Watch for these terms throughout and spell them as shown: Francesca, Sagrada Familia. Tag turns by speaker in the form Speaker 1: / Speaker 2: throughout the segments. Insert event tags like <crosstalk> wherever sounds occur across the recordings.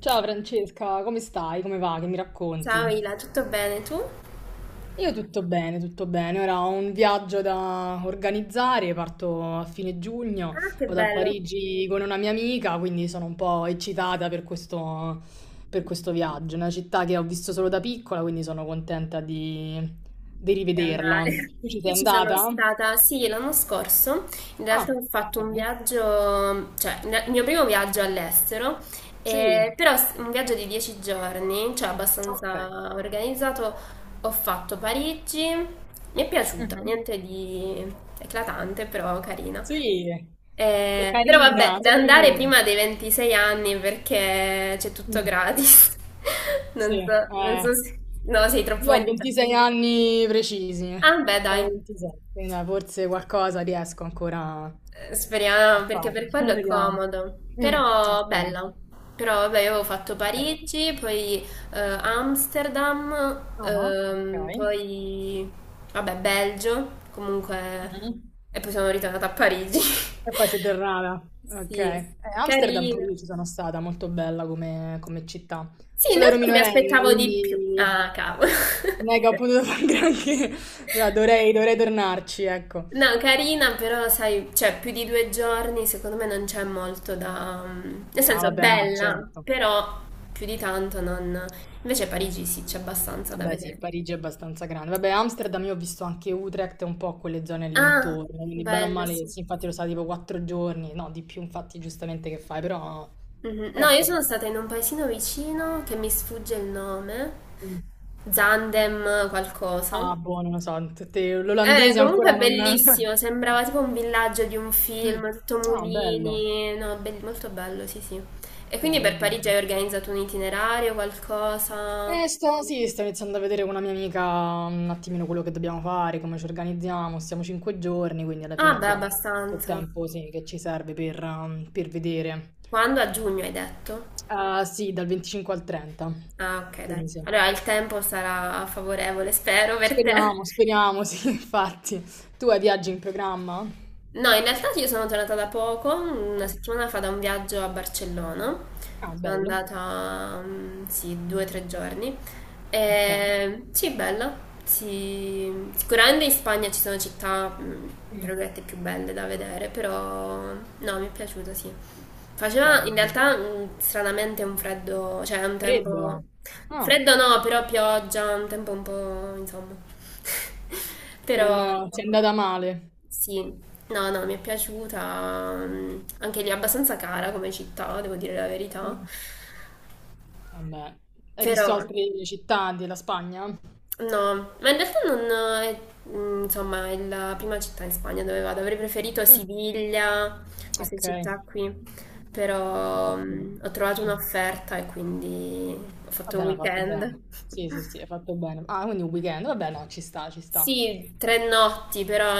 Speaker 1: Ciao Francesca, come stai? Come va? Che mi
Speaker 2: Ciao
Speaker 1: racconti?
Speaker 2: Ila, tutto bene tu? Ah,
Speaker 1: Io tutto bene, tutto bene. Ora ho un viaggio da organizzare, parto a fine giugno,
Speaker 2: che
Speaker 1: vado a
Speaker 2: bello.
Speaker 1: Parigi con una mia amica, quindi sono un po' eccitata per questo viaggio. È una città che ho visto solo da piccola, quindi sono contenta di
Speaker 2: Di andare.
Speaker 1: rivederla. Tu
Speaker 2: <laughs>
Speaker 1: ci sei
Speaker 2: Io ci sono
Speaker 1: andata?
Speaker 2: stata, sì, l'anno scorso, in realtà ho
Speaker 1: Ah,
Speaker 2: fatto un
Speaker 1: ok.
Speaker 2: viaggio, cioè il mio primo viaggio all'estero,
Speaker 1: Sì.
Speaker 2: però un viaggio di 10 giorni, cioè
Speaker 1: Ok.
Speaker 2: abbastanza organizzato, ho fatto Parigi, mi è piaciuta,
Speaker 1: Mhm.
Speaker 2: niente di eclatante, però carina.
Speaker 1: Sì,
Speaker 2: Però vabbè,
Speaker 1: carina,
Speaker 2: da
Speaker 1: solo
Speaker 2: andare
Speaker 1: carina.
Speaker 2: prima dei 26 anni perché c'è tutto
Speaker 1: Mm.
Speaker 2: gratis. <laughs>
Speaker 1: Sì,
Speaker 2: Non so, non so
Speaker 1: eh.
Speaker 2: se... No, sei troppo
Speaker 1: Io ho
Speaker 2: indietro.
Speaker 1: 26 anni precisi,
Speaker 2: Ah, beh, dai.
Speaker 1: proprio 26, quindi dai, forse qualcosa riesco ancora a
Speaker 2: Speriamo, perché
Speaker 1: fare.
Speaker 2: per quello
Speaker 1: <laughs>
Speaker 2: è
Speaker 1: Vediamo.
Speaker 2: comodo.
Speaker 1: Mm,
Speaker 2: Però
Speaker 1: ok,
Speaker 2: bella. Però vabbè, io avevo fatto
Speaker 1: ok.
Speaker 2: Parigi, poi Amsterdam,
Speaker 1: Ah, ok.
Speaker 2: poi vabbè, Belgio, comunque
Speaker 1: Mhm.
Speaker 2: e poi sono ritornata a Parigi. <laughs>
Speaker 1: E poi sei tornata. Ok.
Speaker 2: Sì,
Speaker 1: Amsterdam pure
Speaker 2: carina.
Speaker 1: io ci sono stata, molto bella come città.
Speaker 2: Sì, in
Speaker 1: Solo ero
Speaker 2: realtà mi
Speaker 1: minorenne,
Speaker 2: aspettavo di più.
Speaker 1: quindi
Speaker 2: Ah, cavolo.
Speaker 1: non è che ho
Speaker 2: <laughs>
Speaker 1: potuto <laughs> fare granché, però dovrei tornarci, ecco.
Speaker 2: No, carina, però sai, cioè più di 2 giorni secondo me non c'è molto da... Nel
Speaker 1: Ah,
Speaker 2: senso, è
Speaker 1: vabbè, no,
Speaker 2: bella,
Speaker 1: certo.
Speaker 2: però più di tanto non... Invece a Parigi sì, c'è abbastanza da
Speaker 1: Beh sì,
Speaker 2: vedere.
Speaker 1: Parigi è abbastanza grande. Vabbè, Amsterdam io ho visto anche Utrecht e un po' quelle zone lì
Speaker 2: Ah,
Speaker 1: intorno, quindi bene o
Speaker 2: bello,
Speaker 1: male,
Speaker 2: sì.
Speaker 1: sì, infatti lo sa tipo quattro giorni, no, di più infatti giustamente che fai, però,
Speaker 2: Mhm.
Speaker 1: però
Speaker 2: No,
Speaker 1: è
Speaker 2: io sono
Speaker 1: carino.
Speaker 2: stata in un paesino vicino che mi sfugge il nome,
Speaker 1: Mm.
Speaker 2: Zandem qualcosa.
Speaker 1: Ah, boh, non lo so, l'olandese
Speaker 2: Comunque
Speaker 1: ancora
Speaker 2: è
Speaker 1: non...
Speaker 2: bellissimo, sembrava
Speaker 1: <laughs>
Speaker 2: tipo un villaggio di un
Speaker 1: Mm.
Speaker 2: film, tutto
Speaker 1: Ah, bello,
Speaker 2: mulini, no, molto bello, sì, sì. E quindi
Speaker 1: bello,
Speaker 2: per Parigi
Speaker 1: bello.
Speaker 2: hai organizzato un itinerario, qualcosa?
Speaker 1: Sto, sì, sto iniziando a vedere con una mia amica un attimino quello che dobbiamo fare, come ci organizziamo, stiamo cinque giorni, quindi alla fine
Speaker 2: Ah, beh,
Speaker 1: abbiamo tutto il
Speaker 2: abbastanza.
Speaker 1: tempo, sì, che ci serve per, per vedere.
Speaker 2: Quando? A giugno hai detto?
Speaker 1: Ah, sì, dal 25 al 30.
Speaker 2: Ah, ok, dai.
Speaker 1: Quindi sì.
Speaker 2: Allora il tempo sarà favorevole, spero, per te.
Speaker 1: Speriamo, speriamo, <laughs> sì, infatti. Tu hai viaggi in programma?
Speaker 2: No, in realtà io sono tornata da poco, una
Speaker 1: Oh,
Speaker 2: settimana fa da un viaggio a Barcellona.
Speaker 1: ah,
Speaker 2: Sono
Speaker 1: bello.
Speaker 2: andata, sì, 2 o 3 giorni.
Speaker 1: Ok.
Speaker 2: E, sì, bella. Sì. Sicuramente in Spagna ci sono città, tra
Speaker 1: Mm,
Speaker 2: virgolette, più belle da vedere, però no, mi è piaciuto, sì. Faceva
Speaker 1: bello,
Speaker 2: in
Speaker 1: bello.
Speaker 2: realtà stranamente un freddo, cioè un tempo...
Speaker 1: Freddo. Ah,
Speaker 2: Freddo no, però pioggia, un tempo un po', insomma. <laughs> <laughs>
Speaker 1: non
Speaker 2: Però
Speaker 1: ti è andata male.
Speaker 2: sì, no, no, mi è piaciuta. Anche lì è abbastanza cara come città, devo dire la verità.
Speaker 1: Mm, vabbè. Hai
Speaker 2: Però
Speaker 1: visto altre città della Spagna? Mm,
Speaker 2: no, ma in realtà non è, insomma, è la prima città in Spagna dove vado. Avrei preferito Siviglia, queste
Speaker 1: ok.
Speaker 2: città qui.
Speaker 1: Un po'
Speaker 2: Però
Speaker 1: più-
Speaker 2: ho trovato
Speaker 1: mm,
Speaker 2: un'offerta e quindi ho
Speaker 1: va
Speaker 2: fatto un
Speaker 1: bene, hai fatto bene.
Speaker 2: weekend.
Speaker 1: Sì, sì, sì,
Speaker 2: <laughs>
Speaker 1: hai fatto bene. Ah, quindi un weekend. Vabbè, no, ci sta, ci sta.
Speaker 2: Sì, 3 notti, però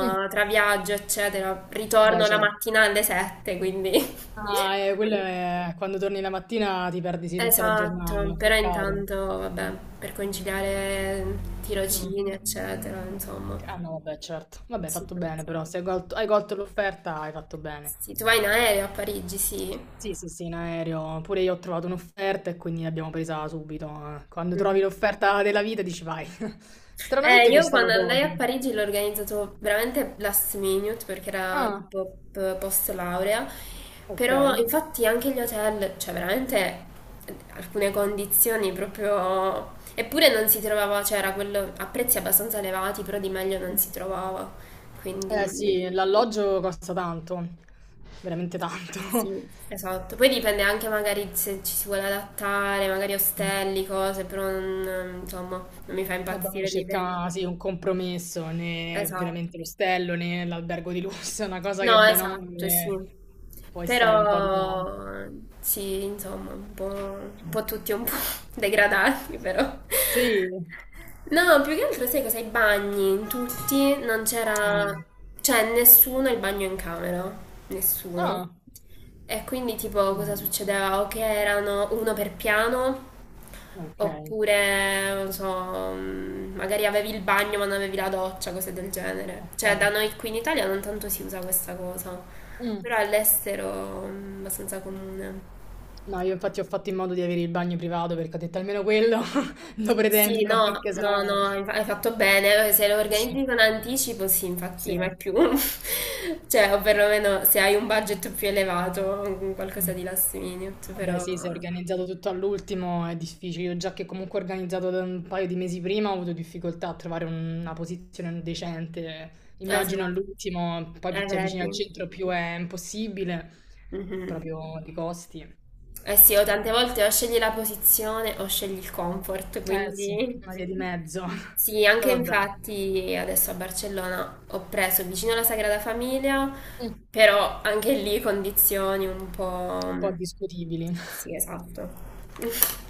Speaker 1: Mm,
Speaker 2: tra viaggio, eccetera,
Speaker 1: vabbè,
Speaker 2: ritorno la
Speaker 1: certo.
Speaker 2: mattina alle 7, quindi... <laughs>
Speaker 1: Ah, quello è quando torni la mattina ti perdi sì tutta la
Speaker 2: Esatto,
Speaker 1: giornata,
Speaker 2: però
Speaker 1: peccato.
Speaker 2: intanto, vabbè, per conciliare
Speaker 1: Mm.
Speaker 2: tirocini, eccetera, insomma,
Speaker 1: Ah no, vabbè, certo. Vabbè, hai
Speaker 2: si
Speaker 1: fatto
Speaker 2: fa.
Speaker 1: bene però, se hai colto l'offerta hai fatto bene.
Speaker 2: Sì, tu vai in aereo a Parigi, sì.
Speaker 1: Sì, sì, sì, in aereo. Pure io ho trovato un'offerta e quindi l'abbiamo presa subito. Eh. Quando trovi
Speaker 2: Mhm.
Speaker 1: l'offerta della vita dici vai. <laughs> Stranamente
Speaker 2: Io
Speaker 1: costava
Speaker 2: quando andai a
Speaker 1: poco.
Speaker 2: Parigi l'ho organizzato veramente last minute perché era
Speaker 1: Ah,
Speaker 2: tipo post laurea,
Speaker 1: ok.
Speaker 2: però infatti anche gli hotel, cioè veramente alcune condizioni proprio... Eppure non si trovava, cioè era quello a prezzi abbastanza elevati, però di meglio non si trovava,
Speaker 1: Eh
Speaker 2: quindi
Speaker 1: sì, l'alloggio costa tanto, veramente tanto.
Speaker 2: sì, esatto. Poi dipende anche magari se ci si vuole adattare, magari
Speaker 1: <laughs>
Speaker 2: ostelli, cose, però non, insomma, non mi fa
Speaker 1: Vabbè, uno
Speaker 2: impazzire l'idea.
Speaker 1: cerca sì, un compromesso, né
Speaker 2: Esatto.
Speaker 1: veramente l'ostello né l'albergo di lusso, <laughs> è una cosa che
Speaker 2: No,
Speaker 1: bene o
Speaker 2: esatto, sì.
Speaker 1: male puoi stare un po' di tempo.
Speaker 2: Però sì, insomma, un po', un
Speaker 1: Mm.
Speaker 2: po' tutti un po' <laughs> degradati, però.
Speaker 1: Sì,
Speaker 2: No, più che altro sai cosa? I bagni, in tutti non c'era,
Speaker 1: eh.
Speaker 2: cioè nessuno ha il bagno in camera, nessuno.
Speaker 1: Ah,
Speaker 2: E quindi tipo cosa
Speaker 1: quindi,
Speaker 2: succedeva? O che erano uno per piano,
Speaker 1: ok,
Speaker 2: oppure, non so, magari avevi il bagno ma non avevi la doccia, cose del genere. Cioè, da
Speaker 1: ok.
Speaker 2: noi qui in Italia non tanto si usa questa cosa,
Speaker 1: Mm.
Speaker 2: però all'estero è abbastanza comune.
Speaker 1: No, io infatti ho fatto in modo di avere il bagno privato perché ho detto almeno quello <laughs> lo
Speaker 2: Sì,
Speaker 1: pretendo,
Speaker 2: no,
Speaker 1: perché
Speaker 2: no,
Speaker 1: sennò...
Speaker 2: no, hai fatto bene. Se lo
Speaker 1: Sì,
Speaker 2: organizzi con anticipo, sì,
Speaker 1: sì.
Speaker 2: infatti, ma è più. <laughs> Cioè, o perlomeno se hai un budget più elevato, qualcosa
Speaker 1: Mm.
Speaker 2: di last minute,
Speaker 1: Vabbè,
Speaker 2: però...
Speaker 1: sì, se è organizzato tutto all'ultimo è difficile. Io già che comunque ho organizzato da un paio di mesi prima ho avuto difficoltà a trovare una posizione decente. Immagino
Speaker 2: Esatto,
Speaker 1: all'ultimo, poi più ti avvicini al
Speaker 2: vedi.
Speaker 1: centro più è impossibile,
Speaker 2: Mhm.
Speaker 1: proprio di costi.
Speaker 2: Eh sì, o tante volte o scegli la posizione o scegli il comfort,
Speaker 1: Eh sì,
Speaker 2: quindi
Speaker 1: una via di mezzo.
Speaker 2: <laughs>
Speaker 1: <laughs>
Speaker 2: sì,
Speaker 1: Poi
Speaker 2: anche
Speaker 1: vabbè,
Speaker 2: infatti adesso a Barcellona ho preso vicino alla Sagrada Famiglia, però anche lì condizioni un
Speaker 1: un po'
Speaker 2: po'...
Speaker 1: discutibili.
Speaker 2: Sì, esatto. <laughs>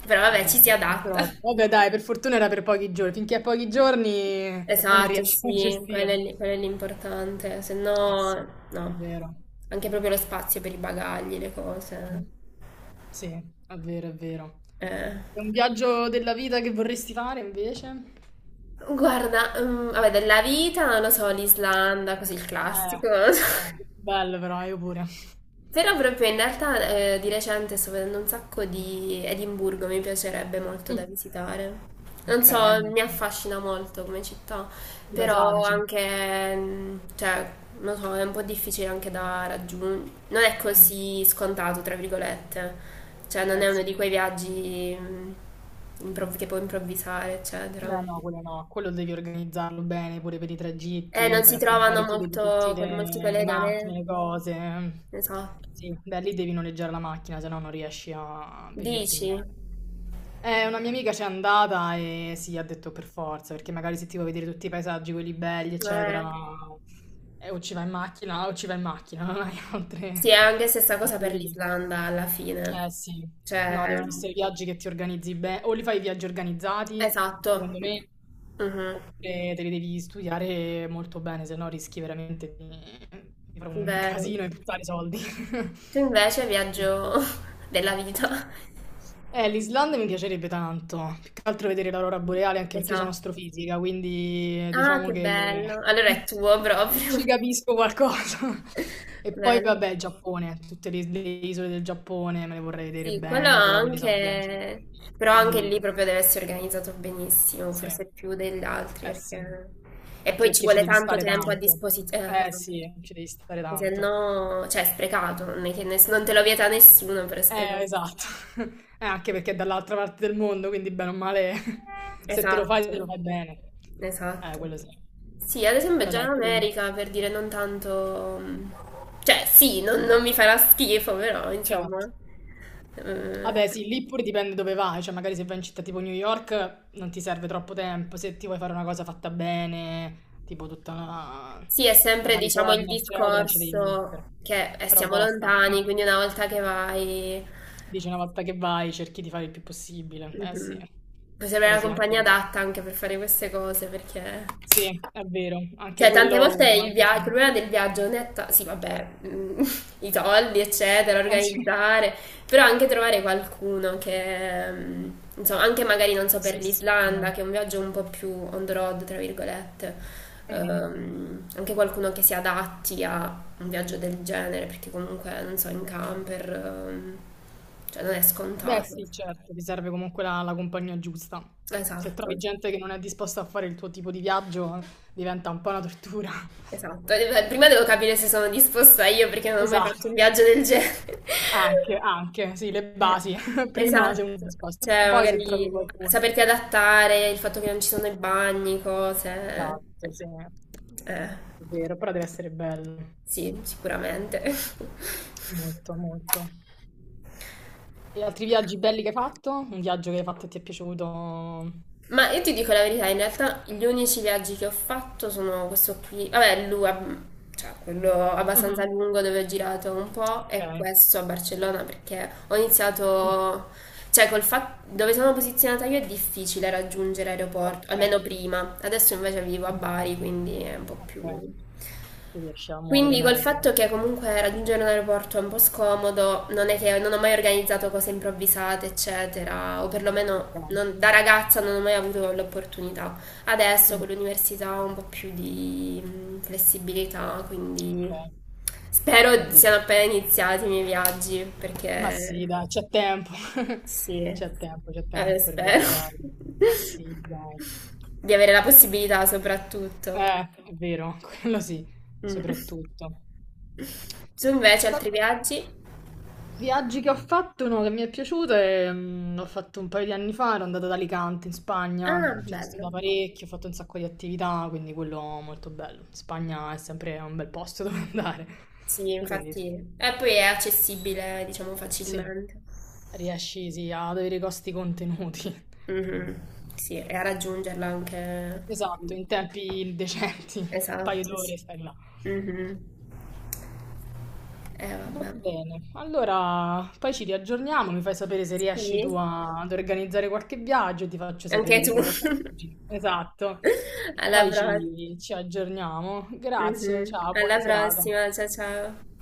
Speaker 2: Però vabbè, ci si
Speaker 1: Vabbè,
Speaker 2: adatta.
Speaker 1: però, vabbè dai, per fortuna era per pochi giorni. Finché a pochi giorni uno
Speaker 2: Esatto,
Speaker 1: riesce a <laughs>
Speaker 2: sì,
Speaker 1: gestirlo.
Speaker 2: quello è l'importante, se
Speaker 1: Eh
Speaker 2: no
Speaker 1: sì, è
Speaker 2: no,
Speaker 1: vero.
Speaker 2: anche proprio lo spazio per i bagagli, le cose.
Speaker 1: Sì, è vero, è vero.
Speaker 2: Eh.
Speaker 1: È un viaggio della vita che vorresti fare invece?
Speaker 2: Guarda, vabbè, della vita, non lo so, l'Islanda, così il classico, non lo so. <laughs>
Speaker 1: Bello però, io pure.
Speaker 2: Però proprio in realtà di recente sto vedendo un sacco di Edimburgo, mi piacerebbe molto da
Speaker 1: Mm.
Speaker 2: visitare. Non
Speaker 1: Ok,
Speaker 2: so,
Speaker 1: allora,
Speaker 2: mi affascina molto come città,
Speaker 1: i
Speaker 2: però
Speaker 1: paesaggi.
Speaker 2: anche, cioè, non so, è un po' difficile anche da raggiungere. Non è
Speaker 1: Mm,
Speaker 2: così scontato, tra virgolette. Cioè, non
Speaker 1: eh
Speaker 2: è uno
Speaker 1: sì.
Speaker 2: di quei viaggi che puoi improvvisare, eccetera.
Speaker 1: Beh, no, quello no, quello devi organizzarlo bene pure per i
Speaker 2: Non
Speaker 1: tragitti,
Speaker 2: si
Speaker 1: perché
Speaker 2: trovano
Speaker 1: magari ti vedi tutte
Speaker 2: molto, con molti
Speaker 1: le macchine,
Speaker 2: collegamenti,
Speaker 1: le cose.
Speaker 2: ne so.
Speaker 1: Sì, beh, lì devi noleggiare la macchina, se no non riesci a vederti
Speaker 2: Dici?
Speaker 1: niente. Una mia amica c'è andata e sì, ha detto per forza, perché magari se ti vuoi vedere tutti i paesaggi, quelli belli,
Speaker 2: Eh.
Speaker 1: eccetera, o ci vai in macchina, o ci vai in macchina, <laughs> non hai
Speaker 2: Sì, è
Speaker 1: altre,
Speaker 2: anche stessa cosa
Speaker 1: altre
Speaker 2: per
Speaker 1: vie.
Speaker 2: l'Islanda alla
Speaker 1: Eh
Speaker 2: fine.
Speaker 1: sì, no,
Speaker 2: Cioè,
Speaker 1: devono essere viaggi che ti organizzi bene, o li fai viaggi organizzati,
Speaker 2: esatto.
Speaker 1: secondo me,
Speaker 2: Mhm.
Speaker 1: oppure te li devi studiare molto bene, se no rischi veramente di fare un <laughs>
Speaker 2: Vero.
Speaker 1: casino e buttare soldi. <laughs>
Speaker 2: Tu invece viaggio <laughs> della vita.
Speaker 1: l'Islanda mi piacerebbe tanto, più che altro vedere l'aurora boreale, anche perché io sono
Speaker 2: Esatto.
Speaker 1: astrofisica, quindi
Speaker 2: Ah,
Speaker 1: diciamo
Speaker 2: che
Speaker 1: che
Speaker 2: bello. Allora è
Speaker 1: <laughs>
Speaker 2: tuo
Speaker 1: ci
Speaker 2: proprio.
Speaker 1: capisco qualcosa. <laughs>
Speaker 2: <laughs>
Speaker 1: E poi
Speaker 2: Bello.
Speaker 1: vabbè, il Giappone, tutte le isole del Giappone me le vorrei vedere
Speaker 2: Sì, quello
Speaker 1: bene, però quelli sono viaggi
Speaker 2: anche, però anche lì
Speaker 1: impegnativi.
Speaker 2: proprio deve essere organizzato benissimo,
Speaker 1: Sì,
Speaker 2: forse più
Speaker 1: eh
Speaker 2: degli altri,
Speaker 1: sì,
Speaker 2: perché... E
Speaker 1: anche
Speaker 2: poi ci
Speaker 1: perché ci
Speaker 2: vuole
Speaker 1: devi
Speaker 2: tanto
Speaker 1: stare
Speaker 2: tempo a
Speaker 1: tanto.
Speaker 2: disposizione,
Speaker 1: Eh sì, ci devi stare
Speaker 2: perché se
Speaker 1: tanto.
Speaker 2: no, cioè è sprecato, non è che non te lo vieta nessuno, però è sprecato.
Speaker 1: Esatto. <laughs> Anche perché è dall'altra parte del mondo, quindi bene o male, <laughs> se te lo fai, te lo
Speaker 2: Esatto,
Speaker 1: fai bene.
Speaker 2: esatto.
Speaker 1: Quello sì.
Speaker 2: Sì, ad esempio
Speaker 1: Però
Speaker 2: già in
Speaker 1: dai, figura.
Speaker 2: America, per dire non tanto... Cioè sì, non mi farà schifo, però insomma...
Speaker 1: Certo.
Speaker 2: eh,
Speaker 1: Vabbè, sì, lì pure dipende dove vai, cioè magari se vai in città tipo New York non ti serve troppo tempo, se ti vuoi fare una cosa fatta bene, tipo tutta la,
Speaker 2: Sì, è
Speaker 1: la
Speaker 2: sempre, diciamo, il
Speaker 1: California, eccetera, ci devi mettere.
Speaker 2: discorso che
Speaker 1: Però
Speaker 2: siamo
Speaker 1: costa.
Speaker 2: lontani, quindi una
Speaker 1: <laughs>
Speaker 2: volta che vai,
Speaker 1: Dici una volta che vai, cerchi di fare il più possibile. Eh sì.
Speaker 2: mhm, puoi avere
Speaker 1: Però
Speaker 2: la
Speaker 1: sì, anche
Speaker 2: compagnia
Speaker 1: lì.
Speaker 2: adatta anche per fare queste cose, perché
Speaker 1: Sì, è vero, anche
Speaker 2: cioè, tante
Speaker 1: quello
Speaker 2: volte
Speaker 1: hai
Speaker 2: il
Speaker 1: ragione.
Speaker 2: problema del viaggio non è... Sì, vabbè, <laughs> i soldi, eccetera,
Speaker 1: Sì,
Speaker 2: organizzare, però anche trovare qualcuno che... insomma, anche magari, non so, per
Speaker 1: sì, sì.
Speaker 2: l'Islanda, che è un viaggio un po' più on the road, tra virgolette,
Speaker 1: Mhm.
Speaker 2: anche qualcuno che si adatti a un viaggio del genere, perché comunque, non so, in camper, cioè non è
Speaker 1: Beh,
Speaker 2: scontato.
Speaker 1: sì, certo, ti serve comunque la compagnia giusta. Se
Speaker 2: Esatto.
Speaker 1: trovi gente che non è disposta a fare il tuo tipo di viaggio, diventa un po' una tortura. <laughs>
Speaker 2: Esatto, e beh, prima devo capire se sono disposta io perché non ho mai fatto un
Speaker 1: Esatto,
Speaker 2: viaggio del genere. <laughs>
Speaker 1: anche, anche, sì, le
Speaker 2: Eh,
Speaker 1: basi. <laughs> Prima sei uno
Speaker 2: esatto,
Speaker 1: disposto, e
Speaker 2: cioè
Speaker 1: poi se
Speaker 2: magari
Speaker 1: trovi qualcuno.
Speaker 2: saperti adattare, il fatto che non ci sono i bagni, cose.
Speaker 1: Esatto, sì,
Speaker 2: Eh,
Speaker 1: è vero, però deve essere bello,
Speaker 2: sì, sicuramente.
Speaker 1: molto, molto. E altri viaggi belli che hai fatto? Un viaggio che hai fatto e ti è piaciuto?
Speaker 2: <laughs> Ma io ti dico la verità, in realtà gli unici viaggi che ho fatto sono questo qui, vabbè, l'UA, cioè quello abbastanza
Speaker 1: Mh-mh.
Speaker 2: lungo dove ho girato un po' e
Speaker 1: Okay.
Speaker 2: questo a Barcellona perché ho
Speaker 1: Mh.
Speaker 2: iniziato cioè, col fatto dove sono posizionata io è difficile raggiungere l'aeroporto, almeno
Speaker 1: Okay.
Speaker 2: prima. Adesso invece vivo a
Speaker 1: Mh-mh.
Speaker 2: Bari, quindi è un po' più...
Speaker 1: Okay. Ti riesci a muovere
Speaker 2: Quindi col
Speaker 1: meglio.
Speaker 2: fatto che comunque raggiungere un aeroporto è un po' scomodo, non è che non ho mai organizzato cose improvvisate, eccetera, o perlomeno
Speaker 1: Okay.
Speaker 2: da ragazza non ho mai avuto l'opportunità. Adesso
Speaker 1: Mh.
Speaker 2: con l'università ho un po' più di flessibilità, quindi
Speaker 1: Okay.
Speaker 2: spero
Speaker 1: Quindi
Speaker 2: siano
Speaker 1: dici
Speaker 2: appena iniziati i miei viaggi,
Speaker 1: ma sì
Speaker 2: perché...
Speaker 1: dai, c'è tempo. <laughs>
Speaker 2: Sì,
Speaker 1: C'è tempo per
Speaker 2: Spero
Speaker 1: viaggiare. Ma sì dai.
Speaker 2: <laughs> di avere la possibilità soprattutto.
Speaker 1: Eh, è vero, <laughs> quello sì,
Speaker 2: Mm.
Speaker 1: soprattutto.
Speaker 2: Tu invece
Speaker 1: Va
Speaker 2: altri viaggi?
Speaker 1: Viaggi che ho fatto, uno che mi è piaciuto è, l'ho fatto un paio di anni fa, ero andata ad Alicante in Spagna,
Speaker 2: Ah,
Speaker 1: ci sono
Speaker 2: bello.
Speaker 1: stata parecchio, ho fatto un sacco di attività, quindi quello molto bello. Spagna è sempre un bel posto <laughs> dove andare,
Speaker 2: Sì,
Speaker 1: quindi
Speaker 2: infatti. E poi è accessibile, diciamo,
Speaker 1: sì,
Speaker 2: facilmente.
Speaker 1: riesci sì, ad avere i costi contenuti. <laughs>
Speaker 2: Mhm.
Speaker 1: Sì.
Speaker 2: Sì, e a raggiungerla anche.
Speaker 1: Esatto, in tempi decenti, un paio
Speaker 2: Esatto, sì.
Speaker 1: d'ore stai là.
Speaker 2: Mhm.
Speaker 1: Va
Speaker 2: Vabbè.
Speaker 1: bene, allora poi ci riaggiorniamo, mi fai sapere se riesci tu
Speaker 2: Sì,
Speaker 1: ad organizzare qualche viaggio, ti faccio sapere
Speaker 2: anche
Speaker 1: di
Speaker 2: tu.
Speaker 1: quello a Parigi. Esatto,
Speaker 2: <laughs> Alla
Speaker 1: poi
Speaker 2: prossima.
Speaker 1: ci aggiorniamo. Grazie,
Speaker 2: Mhm.
Speaker 1: ciao,
Speaker 2: Alla
Speaker 1: buona serata.
Speaker 2: prossima, ciao ciao.